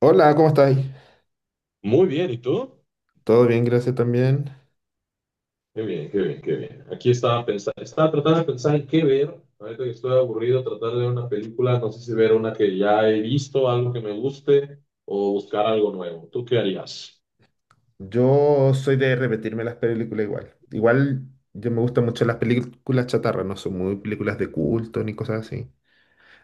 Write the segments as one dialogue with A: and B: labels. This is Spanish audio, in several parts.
A: Hola, ¿cómo estáis?
B: Muy bien, ¿y tú?
A: Todo bien, gracias también.
B: Qué bien, qué bien, qué bien. Aquí estaba pensando, estaba tratando de pensar en qué ver. Ahorita que estoy aburrido, tratar de ver una película, no sé si ver una que ya he visto, algo que me guste, o buscar algo nuevo. ¿Tú qué harías?
A: Yo soy de repetirme las películas igual. Igual yo me gustan mucho las películas chatarra, no son muy películas de culto ni cosas así.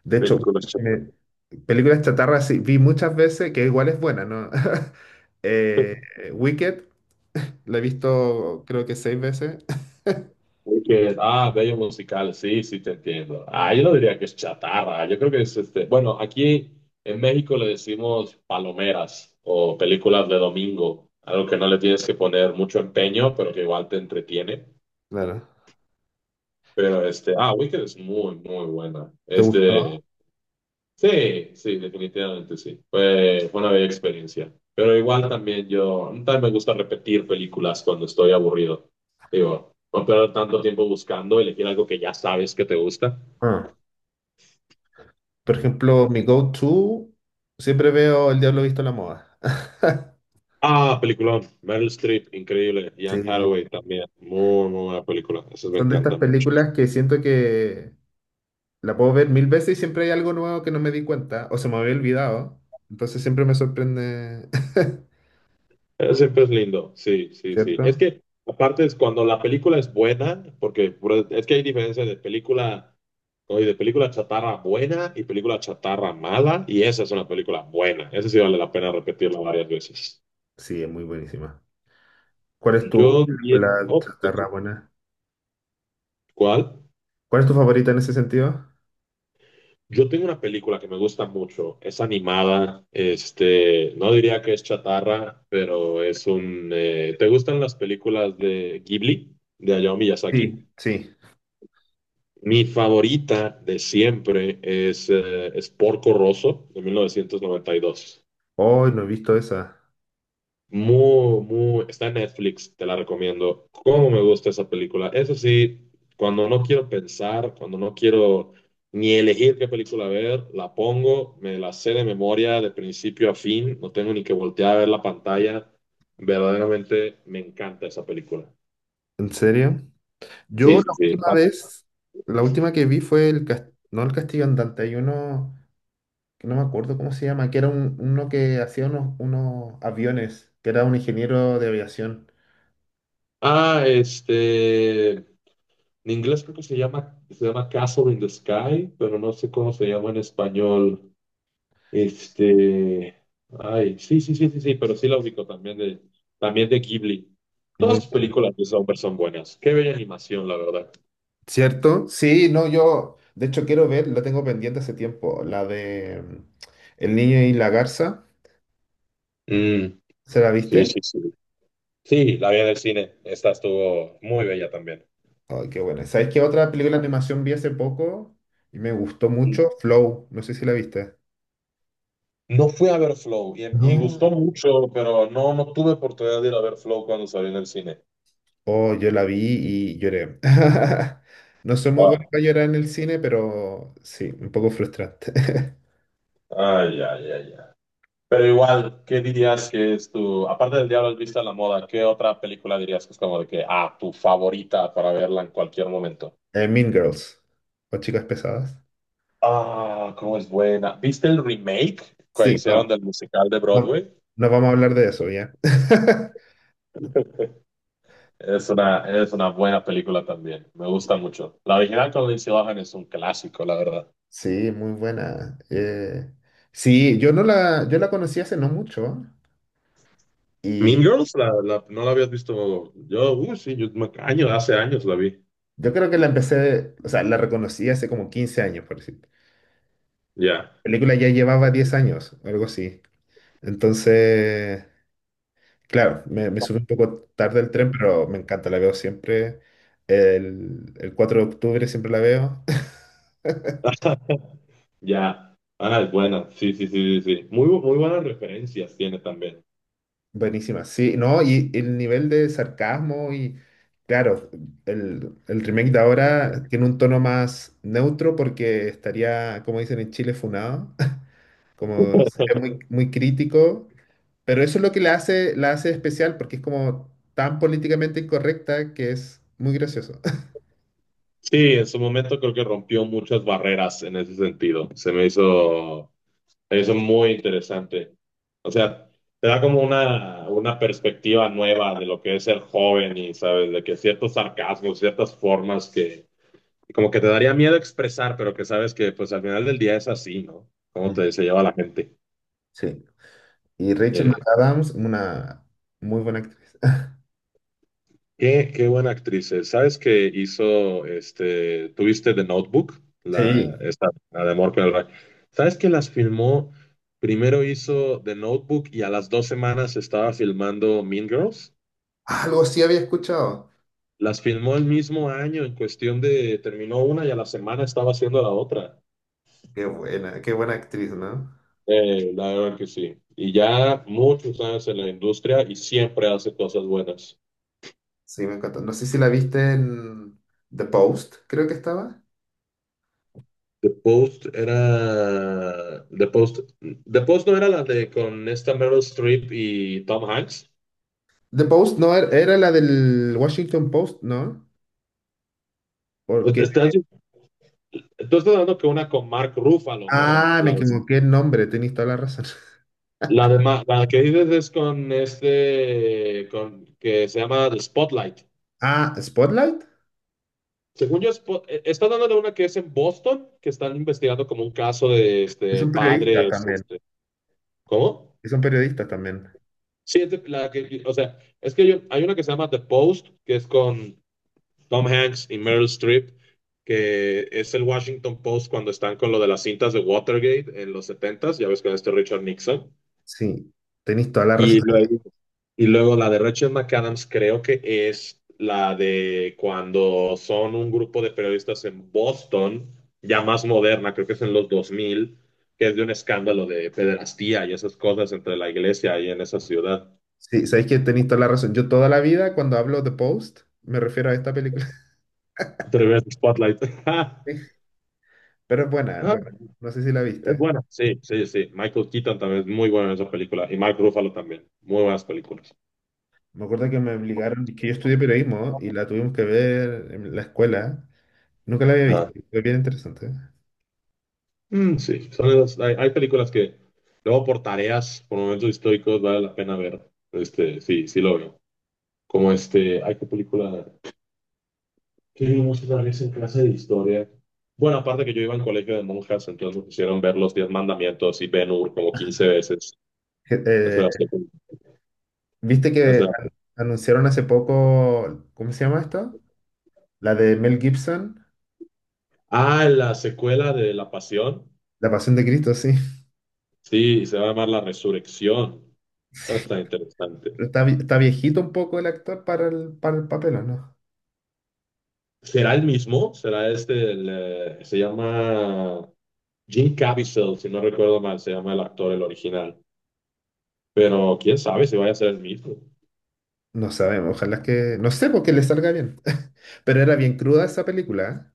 A: De hecho,
B: Películas
A: me-
B: chatarra.
A: películas chatarra sí, vi muchas veces que igual es buena, ¿no? Eh, Wicked, la he visto creo que seis veces.
B: Y que, ah, bello musical, sí, sí, te entiendo. Ah, yo no diría que es chatarra, yo creo que es. Bueno, aquí en México le decimos palomeras o películas de domingo, algo que no le tienes que poner mucho empeño, pero que igual te entretiene.
A: Claro.
B: Pero Wicked es muy, muy buena.
A: ¿Te gustó?
B: Sí, sí, definitivamente sí. Fue una bella experiencia. Pero igual también yo, también me gusta repetir películas cuando estoy aburrido. Digo, no perder tanto tiempo buscando, elegir algo que ya sabes que te gusta.
A: Ah. Por ejemplo, mi go-to, siempre veo El Diablo Visto en la Moda.
B: Ah, peliculón. Meryl Streep, increíble.
A: Sí,
B: Ian Hathaway también. Muy, muy buena película. Esas me
A: son de estas
B: encantan mucho.
A: películas que siento que la puedo ver mil veces y siempre hay algo nuevo que no me di cuenta o se me había olvidado. Entonces siempre me sorprende.
B: Siempre es lindo, sí, sí, sí. Es
A: ¿Cierto?
B: que aparte es cuando la película es buena, es que hay diferencia de película, oye, de película chatarra buena y película chatarra mala, y esa es una película buena. Esa sí vale la pena repetirla varias veces.
A: Sí, es muy buenísima. ¿Cuál es tu
B: Yo diría,
A: película
B: oh, no sé,
A: chatarra buena?
B: ¿cuál?
A: ¿Cuál es tu favorita en ese sentido?
B: Yo tengo una película que me gusta mucho, es animada, no diría que es chatarra, pero ¿te gustan las películas de Ghibli, de Hayao Miyazaki?
A: Sí. Sí.
B: Mi favorita de siempre es Porco Rosso de 1992.
A: Hoy no he visto esa.
B: Muy, muy, está en Netflix, te la recomiendo. Cómo me gusta esa película. Eso sí, cuando no quiero pensar, cuando no quiero ni elegir qué película ver, la pongo, me la sé de memoria de principio a fin, no tengo ni que voltear a ver la pantalla. Verdaderamente me encanta esa película.
A: ¿En serio? Yo
B: Sí,
A: la
B: sí, sí.
A: última vez, la última que vi fue no el Castillo Andante, hay uno que no me acuerdo cómo se llama, que era uno que hacía unos aviones, que era un ingeniero de aviación.
B: Ah, este, En inglés creo que se llama, Castle in the Sky, pero no sé cómo se llama en español. Este, Ay, sí, sí, sí, sí, sí, pero sí la ubico también de Ghibli. Todas
A: Muy
B: sus
A: bueno.
B: películas de Sommer son buenas. Qué bella animación, la verdad.
A: ¿Cierto? Sí, no, yo de hecho quiero ver, la tengo pendiente hace tiempo, la de El niño y la garza,
B: Mm,
A: ¿se la
B: sí,
A: viste?
B: sí, sí. Sí, la vi en el cine. Esta estuvo muy bella también.
A: Ay, qué buena. ¿Sabes qué otra película de animación vi hace poco y me gustó mucho? Flow, no sé si la viste.
B: No fui a ver Flow y
A: No.
B: gustó mucho, pero no tuve oportunidad de ir a ver Flow cuando salió en el cine.
A: Oh, yo la vi y lloré. No soy muy bueno
B: Wow.
A: para llorar en el cine, pero sí, un poco frustrante.
B: Ay, ay, ay, ay. Pero igual, ¿qué dirías que es tu, aparte del Diablo has visto a la moda, ¿qué otra película dirías que es como de que, tu favorita para verla en cualquier momento?
A: Mean Girls, o Chicas Pesadas.
B: Ah, cómo es buena. ¿Viste el remake que
A: Sí,
B: hicieron
A: no,
B: del musical de
A: no,
B: Broadway?
A: no vamos a hablar de eso, ¿ya?
B: Es una buena película también, me gusta mucho. La original con Lindsay Lohan es un clásico, la verdad.
A: Sí, muy buena. Sí, yo la conocí hace no mucho y
B: Mean Girls, no la habías visto. Sí, hace años la vi.
A: yo creo que la empecé, o sea, la reconocí hace como 15 años, por decir.
B: Ya.
A: La película ya llevaba 10 años, algo así. Entonces, claro, me subí un poco tarde al tren, pero me encanta, la veo siempre. El 4 de octubre siempre la veo.
B: Ya. Ah, es buena. Sí, sí, sí, sí, sí. Muy buenas referencias tiene también.
A: Buenísima, sí, no, y el nivel de sarcasmo y claro, el remake de ahora tiene un tono más neutro porque estaría, como dicen en Chile, funado, como sería muy, muy crítico, pero eso es lo que la hace especial porque es como tan políticamente incorrecta que es muy gracioso.
B: Sí, en su momento creo que rompió muchas barreras en ese sentido. Se me hizo eso muy interesante. O sea, te da como una perspectiva nueva de lo que es ser joven y, sabes, de que ciertos sarcasmos, ciertas formas que como que te daría miedo expresar, pero que sabes que pues al final del día es así, ¿no? Cómo
A: Mm,
B: te, se lleva la gente.
A: sí. Y Rachel
B: Eh,
A: McAdams, una muy buena actriz.
B: qué buena actriz es. ¿Sabes que hizo, tuviste The Notebook, la,
A: Sí,
B: esta, la de Amor con el Rayo? ¿Sabes que las filmó? Primero hizo The Notebook y a las 2 semanas estaba filmando Mean Girls.
A: algo sí había escuchado.
B: Las filmó el mismo año, en cuestión de terminó una y a la semana estaba haciendo la otra.
A: Qué buena actriz, ¿no?
B: La verdad que sí. Y ya muchos años en la industria y siempre hace cosas buenas.
A: Sí, me encantó. No sé si la viste en The Post, creo que estaba.
B: The Post era. The Post. The Post no era la de con esta Meryl Streep y Tom Hanks.
A: The Post no era, era la del Washington Post, ¿no? Porque.
B: Estás, tú estás hablando que una con Mark Ruffalo, ¿no?
A: Ah, me
B: La,
A: equivoqué el nombre, tenéis toda la razón.
B: la, de Ma- la que dices es con este. Con, que se llama The Spotlight.
A: Ah, Spotlight.
B: Según yo, estás dando de una que es en Boston, que están investigando como un caso de
A: Es un periodista
B: padres.
A: también.
B: ¿Cómo?
A: Es un periodista también.
B: Sí, es de- la que. O sea, es que yo- hay una que se llama The Post, que es con. Tom Hanks y Meryl Streep, que es el Washington Post cuando están con lo de las cintas de Watergate en los setentas. Ya ves con este Richard Nixon.
A: Sí, tenéis toda la razón.
B: Y luego, y luego la de Rachel McAdams creo que es la de cuando son un grupo de periodistas en Boston, ya más moderna, creo que es en los 2000, que es de un escándalo de pederastía y esas cosas entre la iglesia y en esa ciudad.
A: Sí, sabéis que tenéis toda la razón. Yo toda la vida, cuando hablo de Post, me refiero a esta película.
B: Atreves Spotlight.
A: Pero es buena, es
B: ah,
A: buena. No sé si la
B: Es
A: viste.
B: buena. Sí, sí, sí. Michael Keaton también es muy bueno en esa película. Y Mark Ruffalo también. Muy buenas películas.
A: Me acuerdo que me obligaron, que yo estudié periodismo y la tuvimos que ver en la escuela. Nunca la había visto.
B: Ah.
A: Es bien interesante.
B: Mm, sí, son hay películas que luego por tareas, por momentos históricos, vale la pena ver. Sí, sí lo veo. Como hay que película que vimos una vez en clase de historia. Bueno, aparte que yo iba en colegio de monjas, entonces nos hicieron ver los Diez Mandamientos y Ben-Hur como 15 veces.
A: Je-
B: Esa era la
A: eh,
B: secu-
A: ¿Viste que
B: esa era la-
A: anunciaron hace poco? ¿Cómo se llama esto? La de Mel Gibson,
B: Ah, la secuela de La Pasión.
A: La Pasión de Cristo, sí.
B: Sí, se va a llamar La Resurrección. Está interesante.
A: Pero está viejito un poco el actor para el papel, ¿o no?
B: ¿Será el mismo? ¿Será se llama Jim Caviezel, si no recuerdo mal, se llama el actor, el original. Pero quién sabe si vaya a ser el mismo.
A: No sabemos, ojalá que, no sé, porque le salga bien. Pero era bien cruda esa película, ¿eh?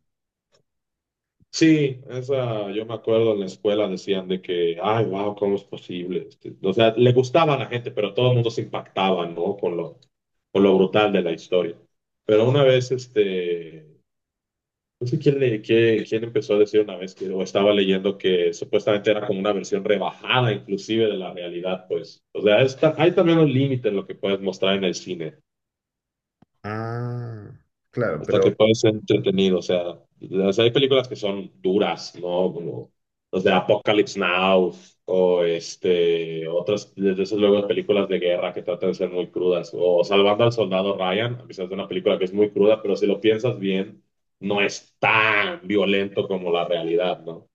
B: Sí, esa, yo me acuerdo en la escuela decían de que, ay, wow, ¿cómo es posible? O sea, le gustaba a la gente, pero todo el mundo se impactaba, ¿no? Con lo brutal de la historia. Pero una vez, no sé quién, quién empezó a decir una vez que, o estaba leyendo que supuestamente era como una versión rebajada inclusive de la realidad, pues. O sea, hay también un límite en lo que puedes mostrar en el cine,
A: Ah, claro,
B: hasta que
A: pero...
B: puedes ser entretenido. O sea, hay películas que son duras, ¿no? Como los de Apocalypse Now, o otras, desde esas luego películas de guerra que tratan de ser muy crudas. O Salvando al Soldado Ryan, a pesar de una película que es muy cruda, pero si lo piensas bien, no es tan violento como la realidad, ¿no?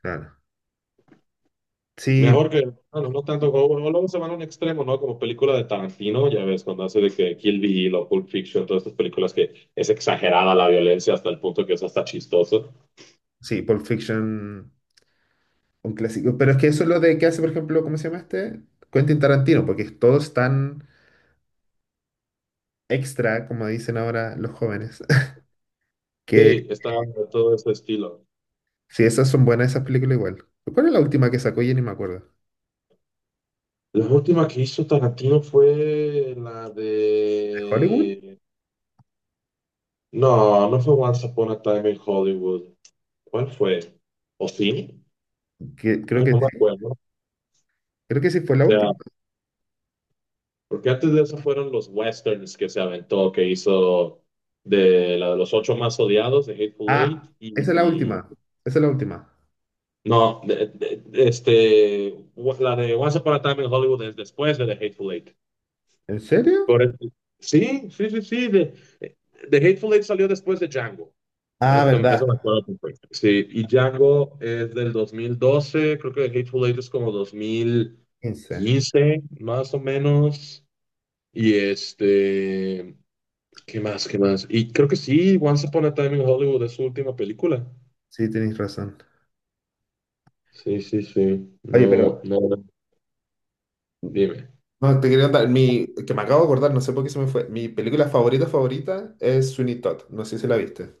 A: Claro. Sí,
B: Mejor que, bueno, no tanto como, o luego se van a un extremo, ¿no? Como película de Tarantino, ya ves, cuando hace de que Kill Bill o Pulp Fiction, todas estas películas que es exagerada la violencia hasta el punto que es hasta chistoso.
A: sí, Pulp Fiction, un clásico. Pero es que eso es lo de que hace, por ejemplo, ¿cómo se llama este? Quentin Tarantino, porque todos están extra, como dicen ahora los jóvenes. Que
B: Sí, está de todo ese estilo.
A: si esas son buenas, esas películas igual. ¿Cuál es la última que sacó? Ya ni me acuerdo.
B: La última que hizo Tarantino fue la
A: ¿De Hollywood?
B: de... No, no fue Once Upon a Time in Hollywood. ¿Cuál fue? ¿O sí?
A: Que, creo
B: Ay,
A: que
B: no me
A: sí.
B: acuerdo. O
A: Creo que sí fue la
B: sea,
A: última.
B: porque antes de eso fueron los westerns que se aventó, que hizo de la de los ocho más odiados, de Hateful
A: Ah,
B: Eight,
A: esa es la
B: y
A: última. Esa es la última.
B: no, la de Once Upon a Time in Hollywood es después de The Hateful Eight.
A: ¿En serio?
B: Correcto. Sí, sí, sí, sí, de, The Hateful Eight salió después de Django.
A: Ah,
B: Esto,
A: verdad.
B: eso me acuerdo perfecto. Sí, y Django es del 2012. Creo que The Hateful Eight es como dos mil.
A: 15.
B: quince más o menos. Y ¿qué más? ¿Qué más? Y creo que sí, Once Upon a Time in Hollywood es su última película.
A: Sí, tenéis razón.
B: Sí, sí, sí.
A: Oye,
B: No,
A: pero...
B: no, no. Dime.
A: No, te quería contar, que me acabo de acordar, no sé por qué se me fue. Mi película favorita favorita es Sweeney Todd. No sé si la viste.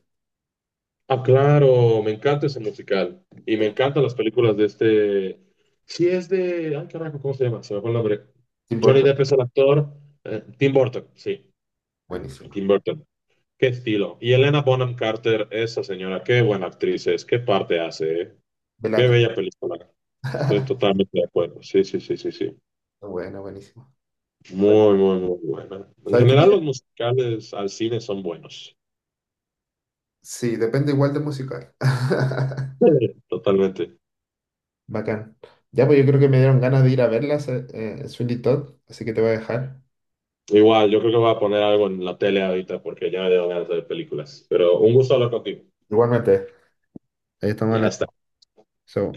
B: Ah, claro, me encanta ese musical. Y me encantan las películas de este. Sí, es de. Ay, carajo, ¿cómo se llama? Se me fue el nombre.
A: ¿Te
B: Johnny
A: importa?
B: Depp es el actor. Tim Burton, sí,
A: Buenísima.
B: Tim Burton. Qué estilo. Y Elena Bonham Carter, esa señora, qué buena actriz es, qué parte hace, ¿eh? Qué
A: Velatrix.
B: bella película. Estoy totalmente de acuerdo. Sí, sí, sí, sí, sí.
A: Bueno, buenísima. Oye,
B: Muy, muy, muy buena. En
A: ¿Sabes qué me
B: general, los musicales al cine son buenos.
A: sí, depende igual de musical.
B: Sí, totalmente.
A: Bacán. Ya, pues yo creo que me dieron ganas de ir a verlas, Sweeney Todd, así que te voy a dejar.
B: Igual, yo creo que voy a poner algo en la tele ahorita porque ya me dieron ganas de ver películas. Pero un gusto hablar contigo.
A: Igualmente. Ahí estamos
B: Ya
A: hablando.
B: está.
A: Chao.